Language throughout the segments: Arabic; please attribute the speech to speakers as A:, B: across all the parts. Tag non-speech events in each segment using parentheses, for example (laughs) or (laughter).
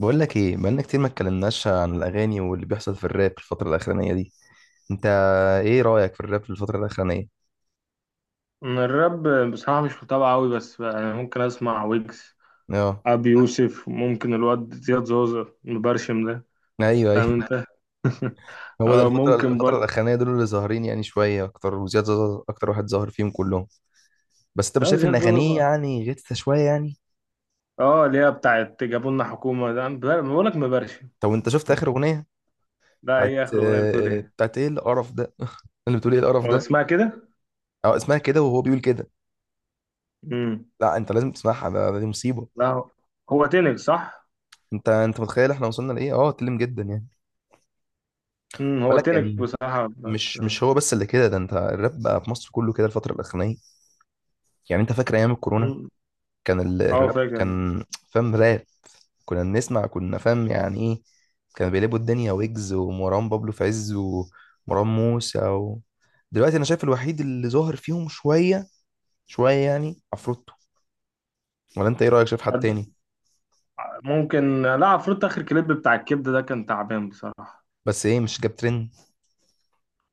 A: بقول لك ايه، بقالنا كتير ما اتكلمناش عن الاغاني واللي بيحصل في الراب في الفتره الاخرانيه دي. انت ايه رايك في الراب في الفتره الاخرانيه؟
B: من الراب بصراحة، مش متابع أوي بس يعني ممكن أسمع ويجز،
A: اه،
B: أبي يوسف، ممكن الواد زياد زوزة المبرشم ده.
A: ايوه ايوه.
B: فاهم أنت؟ (laughs)
A: (laughs) هو ده الفتره
B: ممكن
A: الفتره
B: برضه.
A: الاخرانيه دول اللي ظاهرين، يعني شويه اكتر، وزياد زازا اكتر واحد ظاهر فيهم كلهم. بس انت مش
B: أه،
A: شايف ان
B: زياد زوزة
A: اغانيه
B: بقى.
A: يعني غثه شويه يعني؟
B: أه، اللي هي بتاعت جابوا لنا حكومة ده، أنا بقول لك مبرشم.
A: طب انت شفت اخر اغنيه
B: لا،
A: بتاعت
B: إيه آخر أغنية؟ بتقول إيه؟
A: ايه القرف ده؟ (laughs) اللي بتقول ايه القرف
B: ولا
A: ده.
B: اسمها كده؟
A: اه، اسمها كده وهو بيقول كده.
B: امم
A: لا، انت لازم تسمعها، دي مصيبه.
B: لا. هو تنك صح؟
A: انت متخيل احنا وصلنا لايه؟ اه اتكلم جدا يعني،
B: هو
A: بالك
B: تنك
A: يعني.
B: بصراحة
A: مش مش هو بس اللي كده ده، انت الراب بقى في مصر كله كده الفترة الأخرانية. يعني انت فاكر أيام الكورونا
B: مم.
A: كان
B: أه،
A: الراب
B: فاكر.
A: كان فاهم راب، كنا فاهم يعني ايه. كانوا بيقلبوا الدنيا، ويجز ومروان بابلو في عز ومروان موسى و... دلوقتي أنا شايف الوحيد اللي ظاهر فيهم شوية شوية يعني عفروتو. ولا انت ايه رأيك، شايف حد
B: تصدق؟
A: تاني؟
B: ممكن، لا، عفروت آخر كليب بتاع الكبدة ده كان تعبان بصراحة.
A: بس ايه، مش جاب ترند.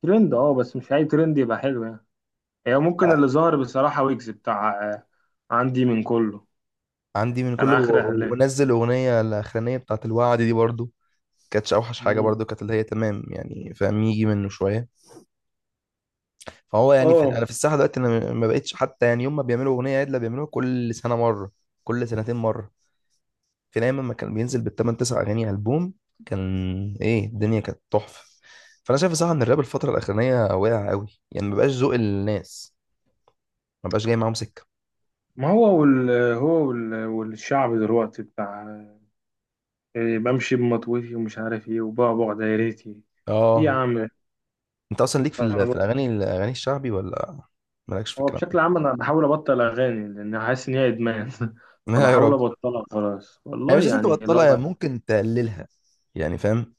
B: ترند، اه، بس مش اي ترند يبقى حلو يعني. هي ممكن
A: اه،
B: اللي ظهر بصراحة ويجز، بتاع عندي من كله.
A: عندي من
B: كان
A: كله
B: اخر اعلان.
A: ونزل أغنية الأخرانية بتاعت الوعد دي برضو. كانتش أوحش حاجة،
B: مم.
A: برضو كانت اللي هي تمام يعني، فاهم، يجي منه شوية. فهو يعني في
B: اه.
A: انا في الساحه دلوقتي، انا ما بقتش حتى يعني يوم ما بيعملوا اغنيه عدله بيعملوها كل سنه مره، كل سنتين مره. كان ايام ما كان بينزل بالثمان تسع اغاني البوم. كان ايه، الدنيا كانت تحفه. فانا شايف صراحه ان الراب الفتره الاخرانيه واقع قوي، يعني ما بقاش ذوق الناس، ما بقاش جاي معاهم سكه.
B: ما هو وال، هو وال، والشعب دلوقتي بتاع بمشي بمطوتي ومش عارف ايه، وبعبع دايرتي ايه. يا
A: اه،
B: عم،
A: انت اصلا ليك في في الاغاني الشعبي، ولا مالكش في
B: هو
A: الكلام ده؟
B: بشكل عام انا بحاول ابطل اغاني، لان حاسس ان هي ادمان. (laughs)
A: (laughs) لا يا
B: فبحاول
A: رب.
B: ابطلها خلاص
A: يعني
B: والله،
A: مش لازم
B: يعني
A: تبطلها، يعني
B: اللعبة.
A: ممكن تقللها، يعني فاهم،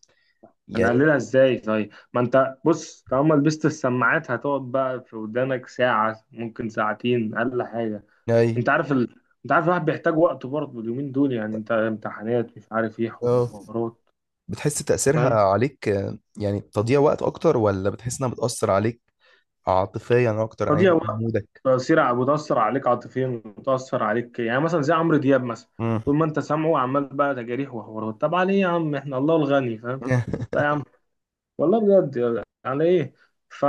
A: يعني.
B: هنقللها ازاي طيب؟ ما انت بص، طالما لبست السماعات هتقعد بقى في ودانك ساعة، ممكن ساعتين، اقل حاجة.
A: اي
B: انت عارف ال... انت عارف الواحد بيحتاج وقت برضه اليومين دول، يعني انت امتحانات، مش عارف ايه،
A: اه.
B: حوارات.
A: بتحس تأثيرها
B: فاهم.
A: عليك يعني تضييع وقت أكتر، ولا بتحس إنها بتأثر عليك عاطفيا أكتر
B: تضييع
A: أيا كان
B: وقت.
A: مودك؟
B: تأثير، بتأثر عليك عاطفيا وتأثر عليك، يعني مثلا زي عمرو دياب مثلا.
A: مم.
B: طول ما انت سامعه عمال بقى تجاريح وحوارات، طب عليه يا عم، احنا الله الغني، فاهم. لا يا
A: (laughs)
B: عم، والله بجد يعني، على ايه. ف...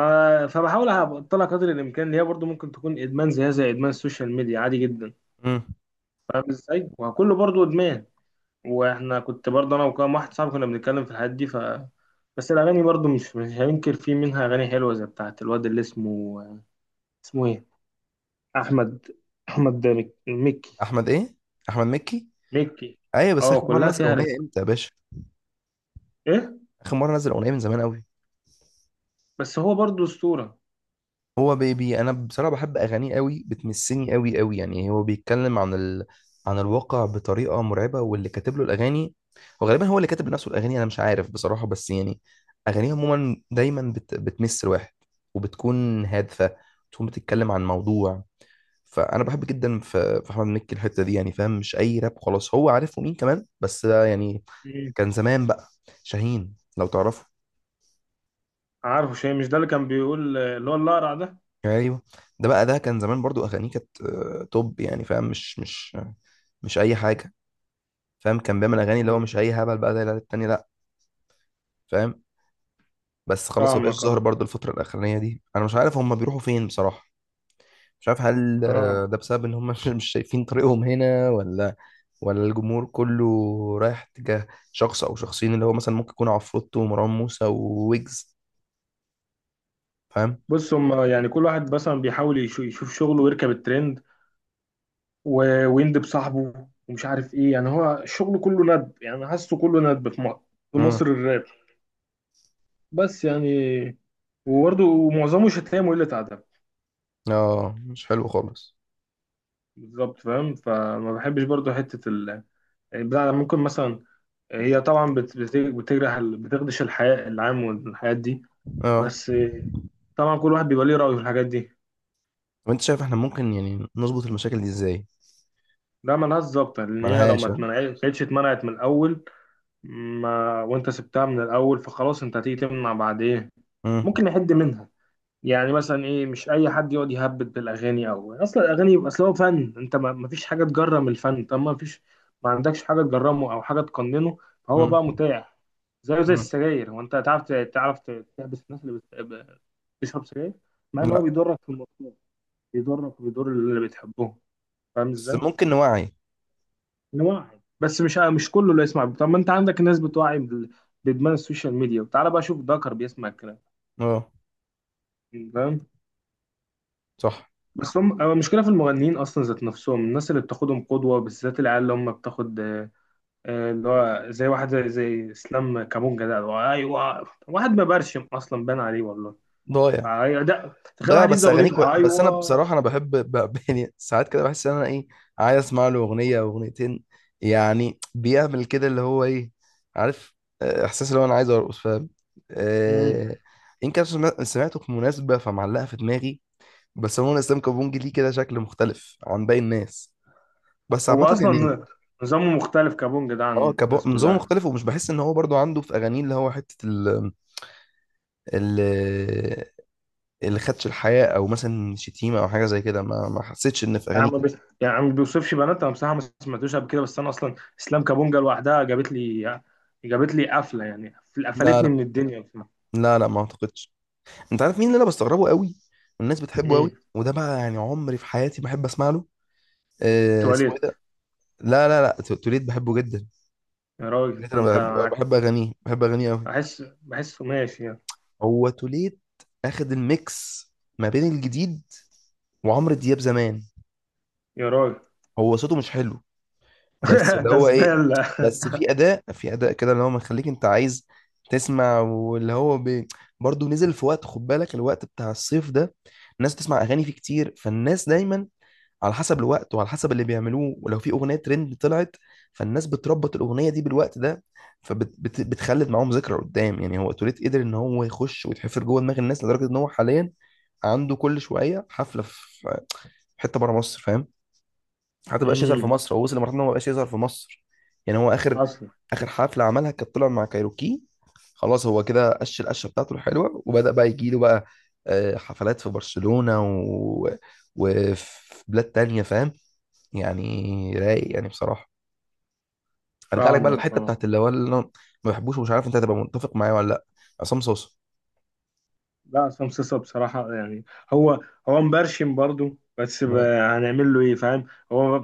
B: فبحاول ابطلها قدر الامكان، اللي هي برضو ممكن تكون ادمان زيها زي ادمان السوشيال ميديا، عادي جدا.
A: مم.
B: فاهم ازاي؟ وكله برضو ادمان. واحنا كنت برضو انا وكام واحد صاحبي كنا بنتكلم في الحاجات دي، ف، بس الاغاني برضو، مش هننكر، في منها اغاني حلوه، زي بتاعه الواد اللي اسمه، اسمه ايه، احمد، احمد ده مكي.
A: أحمد إيه؟ أحمد مكي؟
B: مكي،
A: أيوة، بس
B: اه،
A: آخر مرة
B: كلها
A: نزل
B: فيها
A: أغنية
B: رسالة.
A: إمتى يا باشا؟
B: ايه،
A: آخر مرة نزل أغنية من زمان أوي.
B: بس هو برضو اسطوره.
A: هو بيبي، انا بصراحه بحب اغانيه قوي، بتمسني قوي قوي يعني. هو بيتكلم عن عن الواقع بطريقه مرعبه، واللي كاتب له الاغاني، وغالبا هو اللي كاتب لنفسه الاغاني، انا مش عارف بصراحه، بس يعني اغانيه عموما دايما بتمس الواحد، وبتكون هادفه، بتكون بتتكلم عن موضوع. فانا بحب جدا في احمد مكي الحته دي، يعني فاهم، مش اي راب خلاص، هو عارفه مين، كمان بس ده يعني
B: مم.
A: كان زمان بقى. شاهين، لو تعرفه.
B: عارفه، شيء مش ده اللي كان بيقول، اللي هو الاقرع ده.
A: ايوه، ده كان زمان برضو، اغانيه كانت توب يعني، فاهم، مش اي حاجه، فاهم. كان بيعمل اغاني اللي هو
B: مم.
A: مش اي هبل بقى زي العيال التاني، لا فاهم. بس خلاص ما بقاش
B: فاهمك
A: ظاهر
B: اه.
A: برضو الفتره الاخرانيه دي. انا مش عارف هم بيروحوا فين بصراحه، مش عارف، هل
B: اه،
A: ده بسبب ان هم (laughs) مش شايفين طريقهم هنا، ولا الجمهور كله رايح تجاه شخص او شخصين، اللي هو مثلا ممكن يكون عفروتو ومروان موسى وويجز، فاهم.
B: بص، هم يعني كل واحد مثلا بيحاول يشوف شغله ويركب الترند، ويندب صاحبه ومش عارف ايه، يعني هو شغله كله ندب، يعني حاسه كله ندب في مصر، في
A: امم.
B: مصر الراب، بس يعني. وبرضه معظمه شتايم وقلة أدب.
A: اه، مش حلو خالص.
B: بالظبط فاهم، فما بحبش برضه حتة ال، البتاع ده. ممكن مثلا، هي طبعا بتجرح بتخدش الحياة العام والحاجات دي.
A: اه،
B: بس طبعا كل واحد بيبقى ليه رأيه في الحاجات دي.
A: وانت شايف احنا ممكن يعني نظبط المشاكل دي ازاي؟
B: لا، ملهاش ظابطة، لأن هي لو ما
A: ملهاش ها؟
B: اتمنعتش، كانتش اتمنعت من الأول. ما وانت سبتها من الاول، فخلاص انت هتيجي تمنع بعد ايه.
A: مم.
B: ممكن يحد منها. يعني مثلا ايه، مش اي حد يقعد يهبد بالاغاني، او اصلا الاغاني، اصل هو فن، انت ما فيش حاجه تجرم الفن، طب ما فيش، ما عندكش حاجه تجرمه او حاجه تقننه. فهو
A: مم.
B: بقى متاح. زيه زي
A: مم.
B: السجاير، هو انت تعرف تحبس الناس اللي بتشرب سجاير، مع ان هو
A: لا
B: بيضرك في المطلوب، بيضرك وبيضر اللي بتحبهم. فاهم
A: بس
B: ازاي؟
A: ممكن نوعي.
B: نوعي، بس مش، مش كله اللي يسمع، طب ما انت عندك ناس بتوعي بادمان السوشيال ميديا، وتعالى بقى شوف دكر بيسمع الكلام.
A: اه
B: فاهم.
A: صح.
B: بس هم، هو المشكله في المغنيين اصلا ذات نفسهم، الناس اللي بتاخدهم قدوه، بالذات العيال اللي هم بتاخد اللي هو زي واحد، زي اسلام كابونجا ده، اللي هو ايوه، واحد مبرشم اصلا بان عليه والله.
A: ضايع.
B: ايوه ده، تخيل
A: ضايع
B: واحد
A: بس
B: يبدا
A: اغانيك و...
B: اغنيته
A: بس انا
B: ايوه.
A: بصراحه انا بحب ب... (laughs) يعني ساعات كده بحس ان انا ايه، عايز اسمع له اغنيه او اغنيتين، يعني بيعمل كده اللي هو ايه، عارف، احساس اللي هو انا عايز ارقص، فاهم.
B: مم.
A: آه... ان كان سمعته في مناسبه فمعلقه في دماغي. بس هو اسلام كابونجي ليه كده شكل مختلف عن باقي الناس، بس
B: هو
A: عامه يعني.
B: اصلا نظامه مختلف، كابونجا ده
A: اه،
B: عن الناس
A: نظام
B: كلها.
A: مختلف، ومش بحس ان هو برضو عنده في اغانيه اللي هو حته ال اللي خدش الحياه، او مثلا شتيمه او حاجه زي كده، ما حسيتش ان في
B: يا
A: اغانيه
B: عم
A: كده.
B: بس، يا عم ما بيوصفش بنات، انا بصراحه ما سمعتوش قبل كده، بس انا اصلا اسلام كابونجا لوحدها جابت لي، جابت لي قفله يعني،
A: لا
B: قفلتني
A: لا.
B: من الدنيا بصراحه.
A: لا لا، ما اعتقدش. انت عارف مين اللي انا بستغربه قوي، والناس بتحبه قوي
B: مين؟
A: وده بقى يعني عمري في حياتي ما احب اسمع له؟ اسمه ايه
B: تواليت.
A: ده. لا لا لا، توليد بحبه جدا.
B: يا راجل،
A: توليد
B: ده
A: انا
B: انت
A: بحب
B: معاك،
A: بحب اغانيه بحب اغانيه قوي.
B: بحس بحسه ماشي يعني.
A: هو توليد اخد الميكس ما بين الجديد وعمرو دياب زمان.
B: يا راجل،
A: هو صوته مش حلو، بس
B: (laughs)
A: اللي
B: ده
A: هو ايه،
B: زباله.
A: بس في اداء كده اللي هو مخليك انت عايز تسمع، واللي هو برضه نزل في وقت، خد بالك الوقت بتاع الصيف ده الناس بتسمع اغاني فيه كتير، فالناس دايما على حسب الوقت وعلى حسب اللي بيعملوه، ولو في اغنيه ترند طلعت فالناس بتربط الاغنيه دي بالوقت ده، فبتخلد معاهم ذكرى قدام. يعني هو توليت قدر ان هو يخش ويتحفر جوه دماغ الناس، لدرجه ان هو حاليا عنده كل شويه حفله في حته بره مصر، فاهم. حتى مبقاش يظهر في
B: امم،
A: مصر، هو وصل لمرحله ان هو مبقاش يظهر في مصر. يعني هو اخر
B: اصلا.
A: اخر حفله عملها كانت طلع مع كايروكي، خلاص هو كده قش القشه بتاعته الحلوه وبدا بقى يجي له بقى حفلات في برشلونه وفي بلاد تانية، فاهم، يعني رايق يعني بصراحه. ارجع لك بقى
B: فاهمك
A: للحته
B: اه.
A: بتاعت اللي هو اللي أنا ما بحبوش، ومش عارف انت هتبقى متفق معايا ولا لا. عصام صوصه.
B: لا، عصام صاصا بصراحه يعني، هو هو مبرشم برضو، بس
A: م-
B: هنعمل له ايه فاهم. هو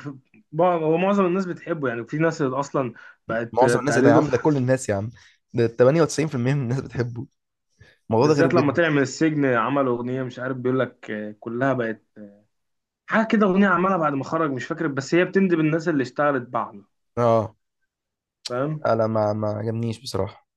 B: هو معظم الناس بتحبه، يعني في ناس اصلا بقت
A: معظم الناس، ايه ده يا
B: تقليده.
A: عم، ده كل الناس يا عم. ده 98% من الناس بتحبه. الموضوع ده
B: بالذات
A: غريب
B: لما
A: جدا.
B: طلع من السجن عمل اغنيه، مش عارف بيقول لك كلها بقت حاجه كده، اغنيه عملها بعد ما خرج مش فاكر، بس هي بتندب الناس اللي اشتغلت بعده.
A: اه
B: فاهم.
A: لا، ما عجبنيش بصراحه.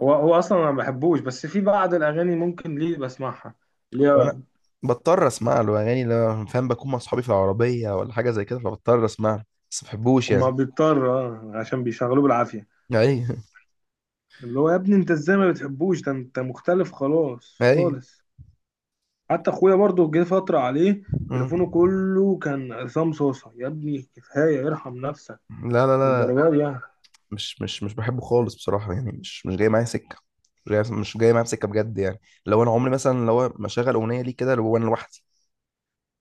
B: هو اصلا أنا ما بحبوش، بس في بعض الاغاني ممكن ليه بسمعها، اللي هو،
A: وانا بضطر اسمع له اغاني لما، فاهم، بكون مع صحابي في العربيه ولا حاجه زي كده، فبضطر اسمع له، بس ما بحبوش
B: هما
A: يعني.
B: بيضطر، اه، عشان بيشغلوه بالعافيه،
A: اي
B: اللي هو يا ابني انت ازاي ما بتحبوش، ده انت مختلف خلاص
A: اي.
B: خالص. حتى اخويا برضه جه فتره عليه،
A: مم.
B: تليفونه كله كان عصام صوصه. يا ابني كفايه ارحم نفسك
A: لا لا لا،
B: الدرجات دي يعني.
A: مش بحبه خالص بصراحه، يعني مش جاي معايا سكه، مش جاي معايا بسكه بجد يعني. لو انا عمري مثلا، لو ما شغل اغنيه ليه كده لو انا لوحدي،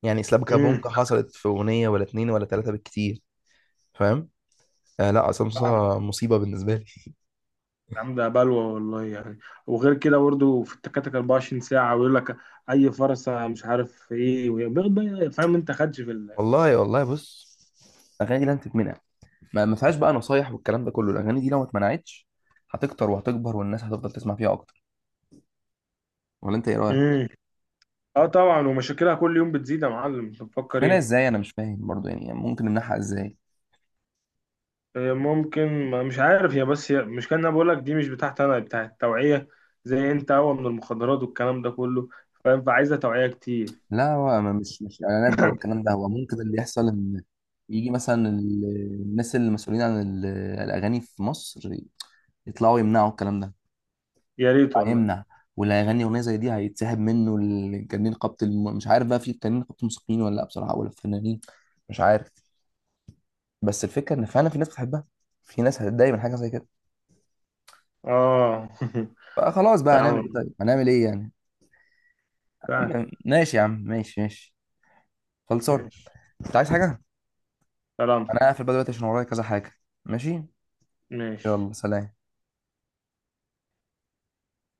A: يعني سلابكا بونكا حصلت في اغنيه ولا اتنين ولا تلاته بالكتير، فاهم. آه لا، عصام
B: امم.
A: صاصا مصيبه بالنسبه لي.
B: يا عم ده بلوى والله يعني. وغير كده برضه في التكاتك 24 ساعة، ويقول لك أي فرصة مش عارف إيه، وبياخد بقى فاهم أنت، خدش في ال...
A: والله والله بص، اغاني لن تتمنع، ما فيهاش بقى نصايح والكلام ده كله، الاغاني دي لو ما اتمنعتش هتكتر وهتكبر والناس هتفضل تسمع فيها اكتر. ولا انت ايه رايك؟
B: امم. اه طبعا، ومشاكلها كل يوم بتزيد، يا معلم انت بتفكر
A: منها
B: ايه؟
A: ازاي، انا مش فاهم برضو، يعني ممكن نمنعها ازاي؟
B: ممكن، مش عارف، هي بس، هي مش كان، انا بقول لك دي مش بتاعت، انا بتاعت التوعيه، زي انت هو من المخدرات والكلام ده كله. فاهم؟ فعايزه توعيه كتير.
A: لا هو مش اعلانات بقى
B: (coughs)
A: والكلام ده، هو ممكن اللي يحصل ان يجي مثلا الناس المسؤولين عن الاغاني في مصر يطلعوا يمنعوا الكلام ده.
B: يا ريت والله.
A: هيمنع، واللي هيغني اغنيه زي دي هيتسحب منه الجنين قبط مش عارف بقى في الجنين قبط الموسيقيين ولا لا بصراحه، ولا الفنانين، مش عارف. بس الفكره ان فعلا في ناس بتحبها، في ناس هتتضايق من حاجه زي كده،
B: اه. (laughs)
A: فخلاص بقى هنعمل
B: فعلا،
A: ايه؟ طيب هنعمل ايه يعني.
B: فعلا.
A: (clears throat) ماشي يا عم، ماشي ماشي، خلصان.
B: ماشي.
A: انت عايز حاجه؟
B: سلام.
A: انا هقفل بقى دلوقتي عشان ورايا كذا حاجه. ماشي.
B: ماشي.
A: يلا سلام.